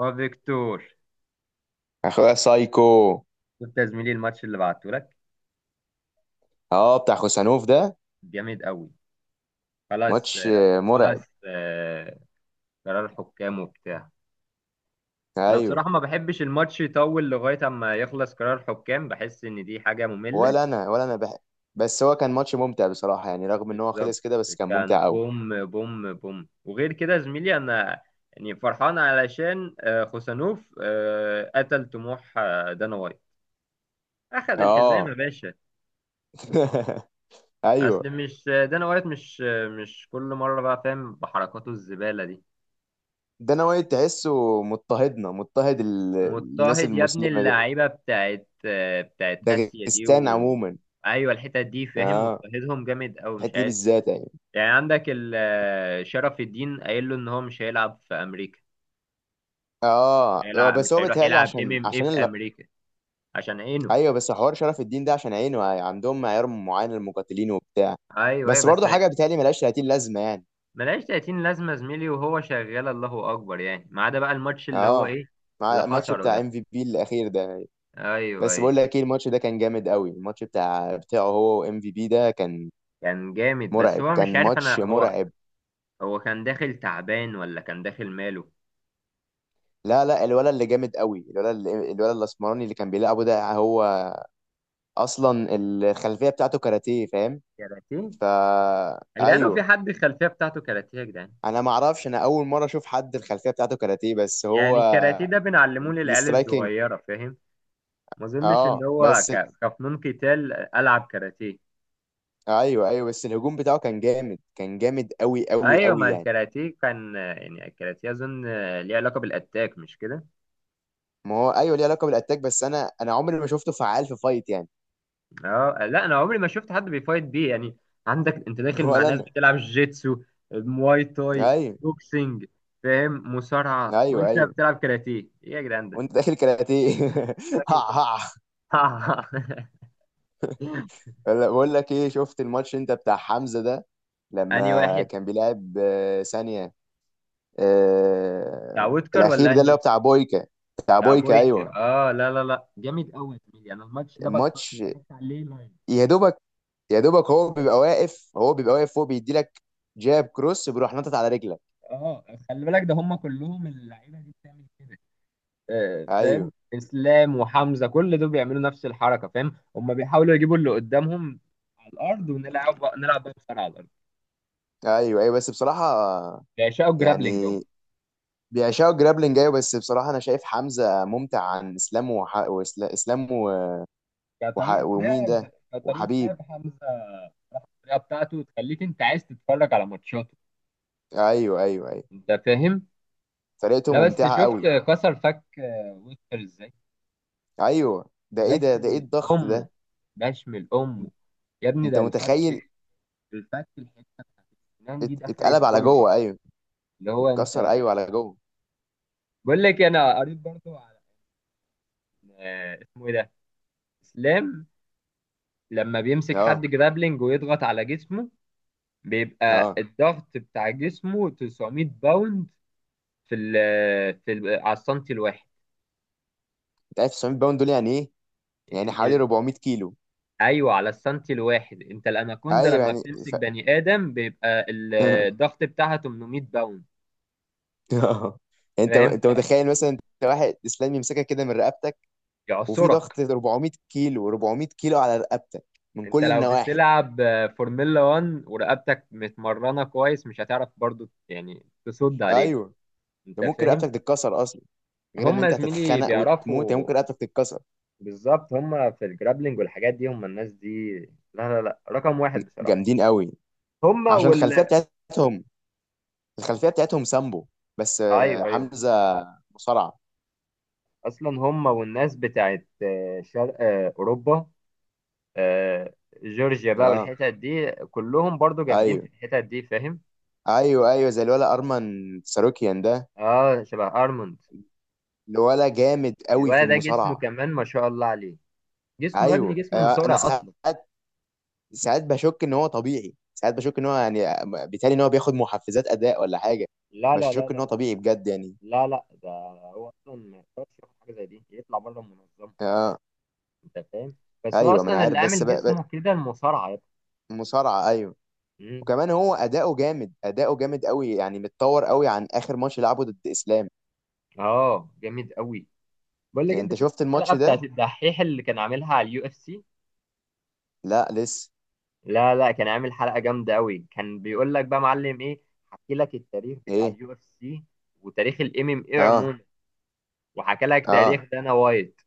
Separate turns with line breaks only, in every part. اه فيكتور،
اخويا سايكو.
شفت يا زميلي الماتش اللي بعته لك؟
اه، بتاع خوسانوف ده.
جامد قوي. خلاص
ماتش مرعب.
خلاص قرار حكام وبتاع. انا
ايوه.
بصراحة ما بحبش الماتش يطول لغاية اما يخلص قرار حكام، بحس ان دي حاجة مملة.
ولا انا ولا انا بح... بس هو كان ماتش ممتع بصراحه، يعني رغم ان هو
بالظبط.
خلص كده بس كان
كان
ممتع قوي.
بوم بوم بوم، وغير كده يا زميلي انا يعني فرحان علشان خوسانوف قتل طموح دانا وايت. اخد الحزام يا
اه.
باشا. اصل
ايوه.
مش دانا وايت، مش مش كل مرة بقى، فاهم بحركاته الزبالة دي.
ده انا وايد تحسه مضطهدنا، مضطهد الناس
مضطهد يا ابن
المسلمه دي.
اللعيبه بتاعت بتاعت اسيا دي
داغستان
و...
عموما.
ايوه، الحتت دي فاهم،
اه،
مضطهدهم جامد قوي،
الحته
مش
دي
عارف.
بالذات يعني.
يعني عندك شرف الدين قايل له ان هو مش هيلعب في امريكا.
اه،
هيلعب، مش
بس هو
هيروح
بيتهيألي
يلعب ام
عشان
ام اي
عشان
في امريكا عشان عينه.
ايوه. بس حوار شرف الدين ده عشان عينه، عندهم معيار معين للمقاتلين وبتاع.
ايوه ايوه
بس
بس
برضه حاجه بيتهيألي ملهاش 30 لازمه يعني.
ملهاش 30 لازمه يا زميلي، وهو شغال الله اكبر يعني، ما عدا بقى الماتش اللي هو
اه،
ايه، اللي
مع الماتش
خسره
بتاع
ده.
ام في بي الاخير ده.
ايوه
بس
ايوه.
بقول لك ايه، الماتش ده كان جامد قوي. الماتش بتاع بتاعه هو وام في بي ده كان
كان جامد بس
مرعب،
هو مش
كان
عارف
ماتش
انا، هو
مرعب.
هو كان داخل تعبان ولا كان داخل ماله؟
لا لا، الولد اللي جامد قوي، الولد الاسمراني اللي كان بيلعبه ده، هو اصلا الخلفيه بتاعته كاراتيه، فاهم.
كاراتيه.
فا
يا جدعان لو في
ايوه.
حد الخلفيه بتاعته كاراتيه يا جدعان،
ما اعرفش، انا اول مره اشوف حد الخلفيه بتاعته كاراتيه، بس هو
يعني الكاراتيه ده بنعلمه للعيال
الاسترايكنج.
الصغيره فاهم. ما اظنش ان
اه
هو
بس،
كفنون قتال العب كاراتيه.
ايوه ايوه، بس الهجوم بتاعه كان جامد، كان جامد قوي قوي
ايوه،
قوي
ما
يعني.
الكاراتيه كان يعني الكاراتيه اظن ليه علاقه بالاتاك، مش كده؟
ما هو ايوه، ليه علاقه بالاتاك، بس انا عمري ما شفته فعال في فايت يعني.
اه لا، انا عمري ما شفت حد بيفايت بيه يعني. عندك انت داخل مع
ولا
ناس
انا.
بتلعب جيتسو، مواي تاي،
ايوه
بوكسنج، فاهم، مصارعه،
ايوه
وانت
ايوه.
بتلعب كاراتيه؟ ايه يا جدعان ده؟
وانت داخل كاراتيه؟ ها
داخل كاراتيه.
ها. بقول لك ايه، شفت الماتش انت بتاع حمزه ده؟
انهي
لما
واحد؟
كان بيلعب ثانيه،
بتاع وودكر
الاخير
ولا
ده اللي هو
انهي؟
بتاع بويكا. بتاع بويكا، ايوه.
كابويكا، اه لا لا لا، جامد قوي يا زميلي، انا الماتش ده
الماتش
اتفرجت عليه لايف.
يا دوبك، يا دوبك هو بيبقى واقف، هو بيبقى واقف، هو بيدي لك جاب كروس، بيروح نطط على رجلك.
اه خلي بالك، ده هم كلهم اللعيبه دي بتعمل كده. آه
ايوه
فاهم، اسلام وحمزه كل دول بيعملوا نفس الحركه، فاهم، هم بيحاولوا يجيبوا اللي قدامهم على الارض، ونلعب بقى، نلعب بقى بسرعه على الارض.
ايوه ايوه. بس بصراحه
بيعشقوا الجرابلينج هم.
يعني، بيعشقوا جرابلينج، ايوه. بس بصراحه انا شايف حمزه ممتع عن اسلام وح... وإسلا- اسلام و... وح...
كطريقه
ومين
لعب،
ده؟
كطريقه
وحبيب.
لعب حمزه، الطريقه بتاعته تخليك انت عايز تتفرج على ماتشاته،
ايوه ايوه ايوه.
انت فاهم.
طريقته
لا بس
ممتعه
شفت
قوي.
كسر فك ويستر ازاي؟
ايوه ده ايه ده ايه
بشمل
الضغط
امه،
ده؟
بشمل امه، يا ابني
انت
ده الفك،
متخيل؟
الفك، الحته، الأسنان دي دخلت
اتقلب على
جوه.
جوه، ايوه.
اللي هو
اتكسر،
انت.
ايوه، على جوه.
بقول لك انا قريت برضه على اسمه ايه ده، اسلام، لما بيمسك حد
اه
جرابلينج ويضغط على جسمه بيبقى
اه.
الضغط بتاع جسمه 900 باوند في ال في ال على السنتي الواحد.
انت عارف 900 باوند دول يعني ايه؟
ال-
يعني حوالي
ال-
400 كيلو.
ايوه، على السنتي الواحد. انت الاناكوندا
ايوه
لما
يعني
بتمسك
ف...
بني ادم بيبقى الضغط بتاعها 800 باوند،
آه. انت
فاهم،
انت متخيل مثلا انت واحد اسلام يمسكك كده من رقبتك، وفي
فيعصرك.
ضغط 400 كيلو، 400 كيلو على رقبتك، من
انت
كل
لو
النواحي.
بتلعب فورمولا 1 ورقبتك متمرنه كويس، مش هتعرف برضو يعني تصد عليه،
ايوه، ده
انت
ممكن
فاهم.
رقبتك تتكسر اصلا، غير ان
هم
انت
زميلي
هتتخنق وتموت، هي
بيعرفوا،
ممكن رقبتك تتكسر.
بالظبط، هم في الجرابلينج والحاجات دي، هم الناس دي لا لا لا رقم واحد بصراحه.
جامدين قوي،
هم
عشان الخلفيه
وال
بتاعتهم. الخلفيه بتاعتهم سامبو، بس
ايوه ايوه.
حمزه مصارعه.
اصلا هم والناس بتاعت شرق اوروبا، آه، جورجيا بقى
اه
والحتت دي كلهم برضو جامدين في
ايوه
الحتت دي، فاهم.
ايوه ايوه، زي الولا ارمن ساروكيان ده.
اه شبه ارموند.
الولا جامد قوي في
الولد ده جسمه
المصارعه.
كمان ما شاء الله عليه، جسمه يا ابني
ايوه،
جسمه
انا
مسرع اصلا.
ساعات، ساعات بشك ان هو طبيعي، ساعات بشك ان هو يعني، بالتالي ان هو بياخد محفزات اداء ولا حاجه.
لا لا لا
بشك
لا
ان هو
لا،
طبيعي بجد يعني.
لا ده هو اصلا ما يقدرش ياخد حاجه زي دي يطلع بره المنظمه،
اه.
انت فاهم. بس هو
ايوه، ما انا
اصلا اللي
عارف بس
عامل جسمه كده المصارعه يا ابني.
مصارعه ايوه.
مم.
وكمان هو اداؤه جامد، اداؤه جامد قوي يعني، متطور قوي عن اخر ماتش لعبه ضد اسلام.
اه جامد قوي. بقول لك
يعني انت
انت شفت
شفت
الحلقه
الماتش
بتاعت
ده؟
الدحيح اللي كان عاملها على اليو اف سي؟
لا لسه.
لا لا، كان عامل حلقه جامده قوي، كان بيقول لك بقى معلم ايه، حكي لك التاريخ بتاع
ايه.
اليو اف سي، وتاريخ الام ام اي
اه
عموما، وحكى لك تاريخ
اه.
دانا وايت.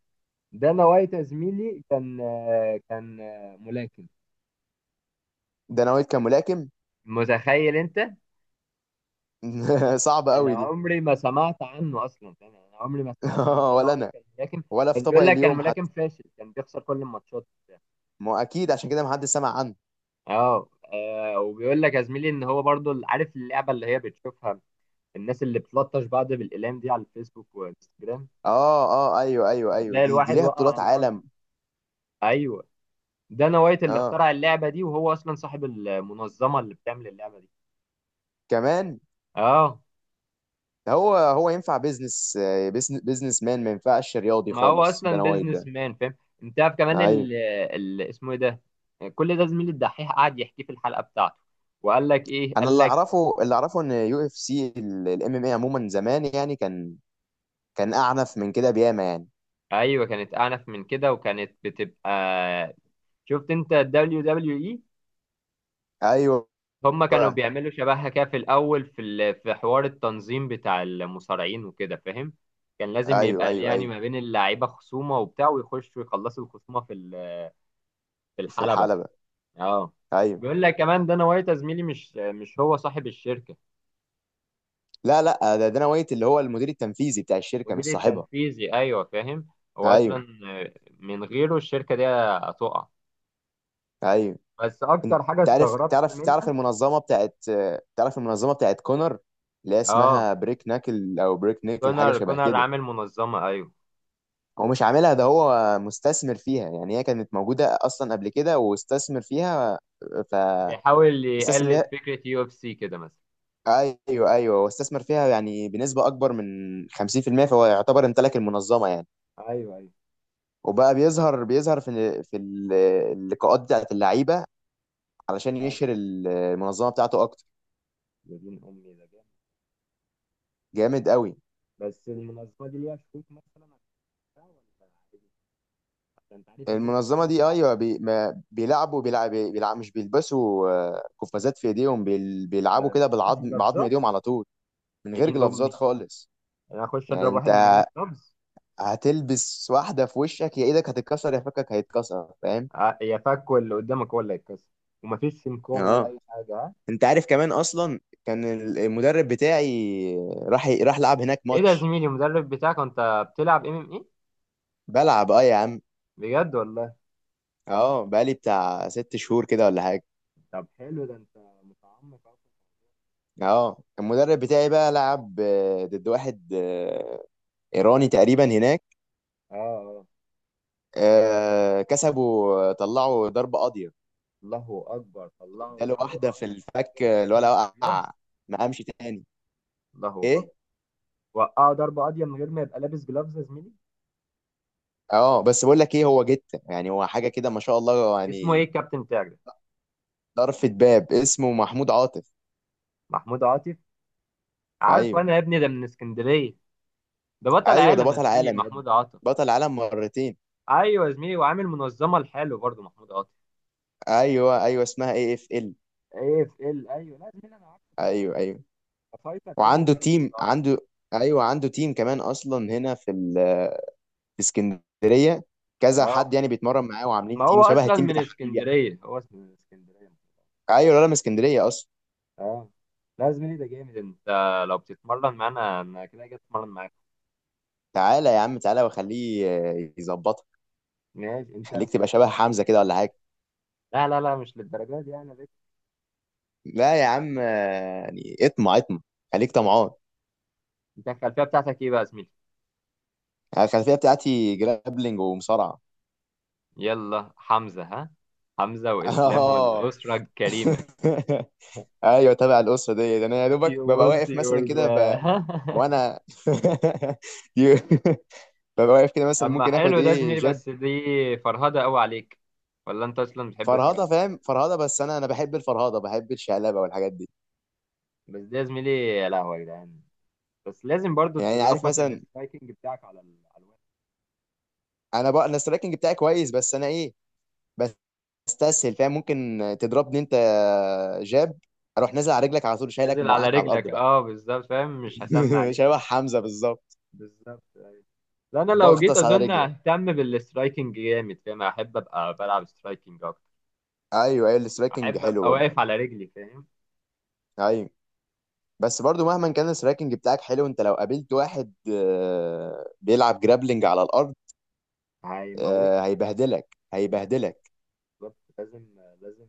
دانا وايت يا زميلي كان كان ملاكم،
ده انا وائل كان ملاكم.
متخيل انت؟
صعب
انا
قوي دي.
عمري ما سمعت عنه اصلا يعني، انا عمري ما سمعت ان زنا
ولا
وايد
انا.
كان ملاكم.
ولا في
بس
طبق
بيقول لك كان
اليوم
ملاكم
حتى.
فاشل، كان بيخسر كل الماتشات وبتاع.
ما هو اكيد عشان كده ما حدش سمع عنه.
اه وبيقول لك يا زميلي ان هو برضو عارف اللعبه اللي هي بتشوفها الناس اللي بتلطش بعض بالاقلام دي على الفيسبوك وانستجرام،
اه اه ايوه ايوه ايوه،
وتلاقي
دي دي
الواحد
ليها
وقع على
بطولات
الارض.
عالم.
ايوه، دانا وايت اللي
اه
اخترع اللعبه دي، وهو اصلا صاحب المنظمه اللي بتعمل اللعبه دي.
كمان.
اه،
هو ينفع بيزنس، بيزنس مان، ما ينفعش رياضي
ما هو
خالص
اصلا
دانا وايت
بيزنس
ده.
مان فاهم. انت عارف كمان
ايوه.
ال اسمه ايه ده، كل ده زميل الدحيح قعد يحكيه في الحلقه بتاعته، وقال لك ايه،
انا
قال
اللي
لك
اعرفه، اللي اعرفه ان يو اف سي، الام ام اي عموما زمان يعني كان، كان اعنف من كده بياما يعني.
ايوه كانت اعنف من كده وكانت بتبقى. شفت انت الدبليو دبليو اي؟
ايوه
هم كانوا بيعملوا شبهها كده في الاول في في حوار التنظيم بتاع المصارعين وكده، فاهم، كان لازم
ايوه
يبقى
ايوه.
يعني
ايوه،
ما بين اللعيبه خصومه وبتاع ويخشوا يخلصوا الخصومه في في
في
الحلبه.
الحلبة.
اه،
ايوه.
بيقول لك كمان دانا وايت يا زميلي مش، مش هو صاحب الشركه.
لا لا، ده دانا وايت اللي هو المدير التنفيذي بتاع الشركة، مش
المدير
صاحبها.
التنفيذي ايوه، فاهم. هو
ايوه
اصلا، آه، من غيره الشركه دي هتقع.
ايوه.
بس
انت
اكتر حاجه
عارف،
استغربت
تعرف
منها،
المنظمة بتاعت، تعرف المنظمة بتاعت كونر، اللي هي
اه،
اسمها بريك ناكل او بريك نيكل، حاجة
كونر،
شبه
كونر
كده؟
عامل منظمه ايوه،
هو مش عاملها، ده هو مستثمر فيها، يعني هي كانت موجودة أصلا قبل كده واستثمر فيها، ف...
بيحاول
استثمر
يقلد
فيها.
فكره يو اف سي كده مثلا.
أيوه أيوه، هو استثمر فيها يعني بنسبة أكبر من 50%، فهو يعتبر امتلك المنظمة يعني.
ايوه ايوه،
وبقى بيظهر، اللقاءات بتاعت اللعيبة، علشان
اه
يشهر المنظمة بتاعته أكتر.
يا دين امي ده جامد.
جامد قوي.
بس المنظمه دي ليها شروط مثلا، هتحققها ولا عادي؟ عشان انت عارف اليو اف
المنظمة
سي
دي،
صعب.
أيوه بي، ما بيلعبوا، بيلعب، مش بيلبسوا قفازات في إيديهم،
ما
بيلعبوا كده
بتنفذش
بالعظم، بعظم
بلفظات.
إيديهم على طول، من
يا
غير
دين
جلافزات
امي،
خالص.
انا اخش
يعني
اضرب
انت
واحد من غير لفظ؟
هتلبس واحده في وشك، يا ايدك هتتكسر يا فكك هيتكسر، فاهم.
يا فك، واللي قدامك هو اللي هيتكسر. ومفيش سمكار ولا
اه.
اي حاجه آه.
انت عارف كمان، اصلا كان المدرب بتاعي راح لعب هناك
ايه ده يا
ماتش.
زميلي، المدرب بتاعك وانت بتلعب ام ام ايه؟
بلعب اه يا عم.
بجد والله؟
اه بقالي بتاع ست شهور كده ولا حاجه.
طب حلو ده، انت متعمق اصلا.
اه المدرب بتاعي بقى لعب ضد واحد ايراني تقريبا هناك.
اه اه.
كسبوا، طلعوا ضربه قاضيه.
الله اكبر، طلعه
اداله
ضربه
واحده في
ابيض من
الفك،
غير ما يكون
الولا
لابس جلافز.
وقع، ما قامش تاني.
الله اكبر،
ايه.
وقعه ضربه ابيض من غير ما يبقى لابس جلافز يا زميلي.
اه بس بقول لك ايه، هو جته يعني، هو حاجه كده ما شاء الله
اسمه ايه
يعني.
الكابتن بتاعك ده؟
طرفة باب اسمه محمود عاطف.
محمود عاطف، عارفه
ايوه
انا يا ابني، ده من اسكندريه. ده بطل
ايوه، ده
عالم يا
بطل
زميلي
عالم يا ابني،
محمود عاطف.
بطل عالم مرتين.
ايوه يا زميلي، وعامل منظمه لحاله برضه محمود عاطف.
ايوه ايوه، اسمها اي اف ال.
ايه في ال، ايوه، لا يا زميلي انا عارفه ده،
ايوه ايوه.
ده فايتر جامد
وعنده
قوي
تيم،
محمود عاطف.
عنده، ايوه عنده تيم كمان اصلا هنا في اسكندريه. كذا
اه،
حد يعني بيتمرن معاه،
ما
وعاملين
هو
تيم شبه
اصلا
التيم
من
بتاع حبيب يعني.
اسكندريه، هو اصلا من اسكندريه.
ايوه، الولد من اسكندريه اصلا.
اه، لا يا زميلي ده جامد، انت لو بتتمرن معانا انا كده جاي اتمرن معاك.
تعالى يا عم، تعالى واخليه يظبطك.
ماشي، انت
خليك تبقى
الخلفيه
شبه
بتاعتك
حمزه كده
إيه؟
ولا حاجه.
لا لا لا، مش للدرجه دي يعني بس.
لا يا عم، يعني اطمع، اطمع، خليك طمعان.
انت الخلفيه بتاعتك ايه بقى يا زميلي؟
أنا الخلفيه بتاعتي جرابلنج ومصارعه.
يلا حمزه ها، حمزه واسلام
اه.
والاسره الكريمه.
ايوه، تابع الاسره دي، ده انا يا
انتي
دوبك ببقى واقف
وانتي
مثلا كده
وال-
وانا يو- ببقى واقف كده مثلا،
اما
ممكن اخد
حلو ده يا
ايه،
زميلي،
جاب.
بس دي فرهده قوي عليك، ولا انت اصلا بتحب
فرهضه
الفرهده؟
فاهم، فرهضه. بس انا بحب الفرهضه، بحب الشقلبه والحاجات دي.
بس ده يا زميلي، يا لهوي يا جدعان، بس لازم برضو
يعني عارف
تظبط
مثلا،
السترايكنج بتاعك على على الوقت.
انا السترايكنج بتاعي كويس، بس انا ايه، بستسهل فاهم. ممكن تضربني انت جاب، اروح نازل على رجلك على طول، شايلك
نازل على
وموقعك على الارض
رجلك،
بقى.
اه بالظبط فاهم، مش هسمع عليك.
شبه حمزة بالظبط.
بالظبط أيوة. لا انا لو جيت
بغطس على
اظن
رجلك.
اهتم بالسترايكنج جامد، فاهم، احب ابقى بلعب سترايكنج اكتر،
ايوه ايوه، السراكنج
احب
حلو
ابقى
برضو.
واقف على رجلي فاهم.
ايوه، بس برضو مهما كان السراكنج بتاعك حلو، انت لو قابلت واحد بيلعب جرابلنج على الارض،
هيموتني.
هيبهدلك
بالظبط،
هيبهدلك.
بالظبط لازم، لازم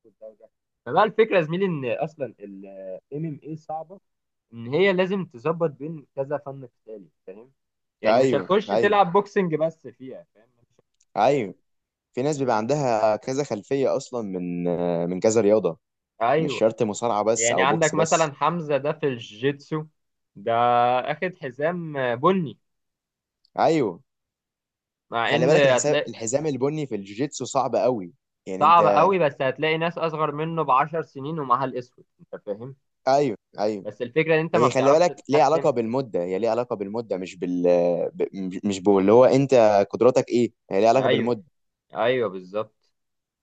أخد ده وده. فبقى الفكره يا زميلي ان اصلا ام ام اي صعبه، ان هي لازم تظبط بين كذا فن قتالي، فاهم، يعني مش
ايوه
هتخش
ايوه
تلعب بوكسنج بس فيها فاهم، مش
ايوه. في ناس بيبقى
هتلاقي.
عندها كذا خلفية اصلا من من كذا رياضة، مش
ايوه،
شرط مصارعة بس
يعني
او
عندك
بوكس بس.
مثلا حمزه ده في الجيتسو ده اخد حزام بني،
ايوه،
مع
خلي
ان
بالك الحساب،
هتلاقي،
الحزام البني في الجوجيتسو صعب قوي، يعني
صعب
انت.
قوي، بس هتلاقي ناس اصغر منه بـ10 سنين ومعاها الاسود، انت فاهم.
ايوه ايوه.
بس الفكره ان انت ما
هي خلي بالك
بتعرفش
ليها علاقة
تختم.
بالمدة، هي ليها علاقة بالمدة، مش بال، ب... مش مش باللي هو انت قدراتك ايه، هي ليها علاقة
ايوه
بالمدة.
ايوه بالظبط.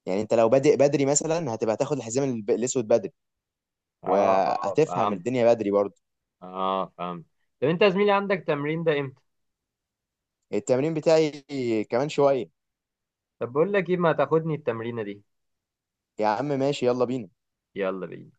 يعني انت لو بادئ بدري مثلا، هتبقى تاخد الحزام الاسود بدري،
اه اه
وهتفهم
فهمت.
الدنيا بدري برضه.
اه فهمت. طب انت يا زميلي عندك تمرين ده امتى؟
التمرين بتاعي كمان شوية.
طب بقول لك ايه، ما تاخدني التمرينه دي.
يا عم ماشي يلا بينا.
يلا بينا.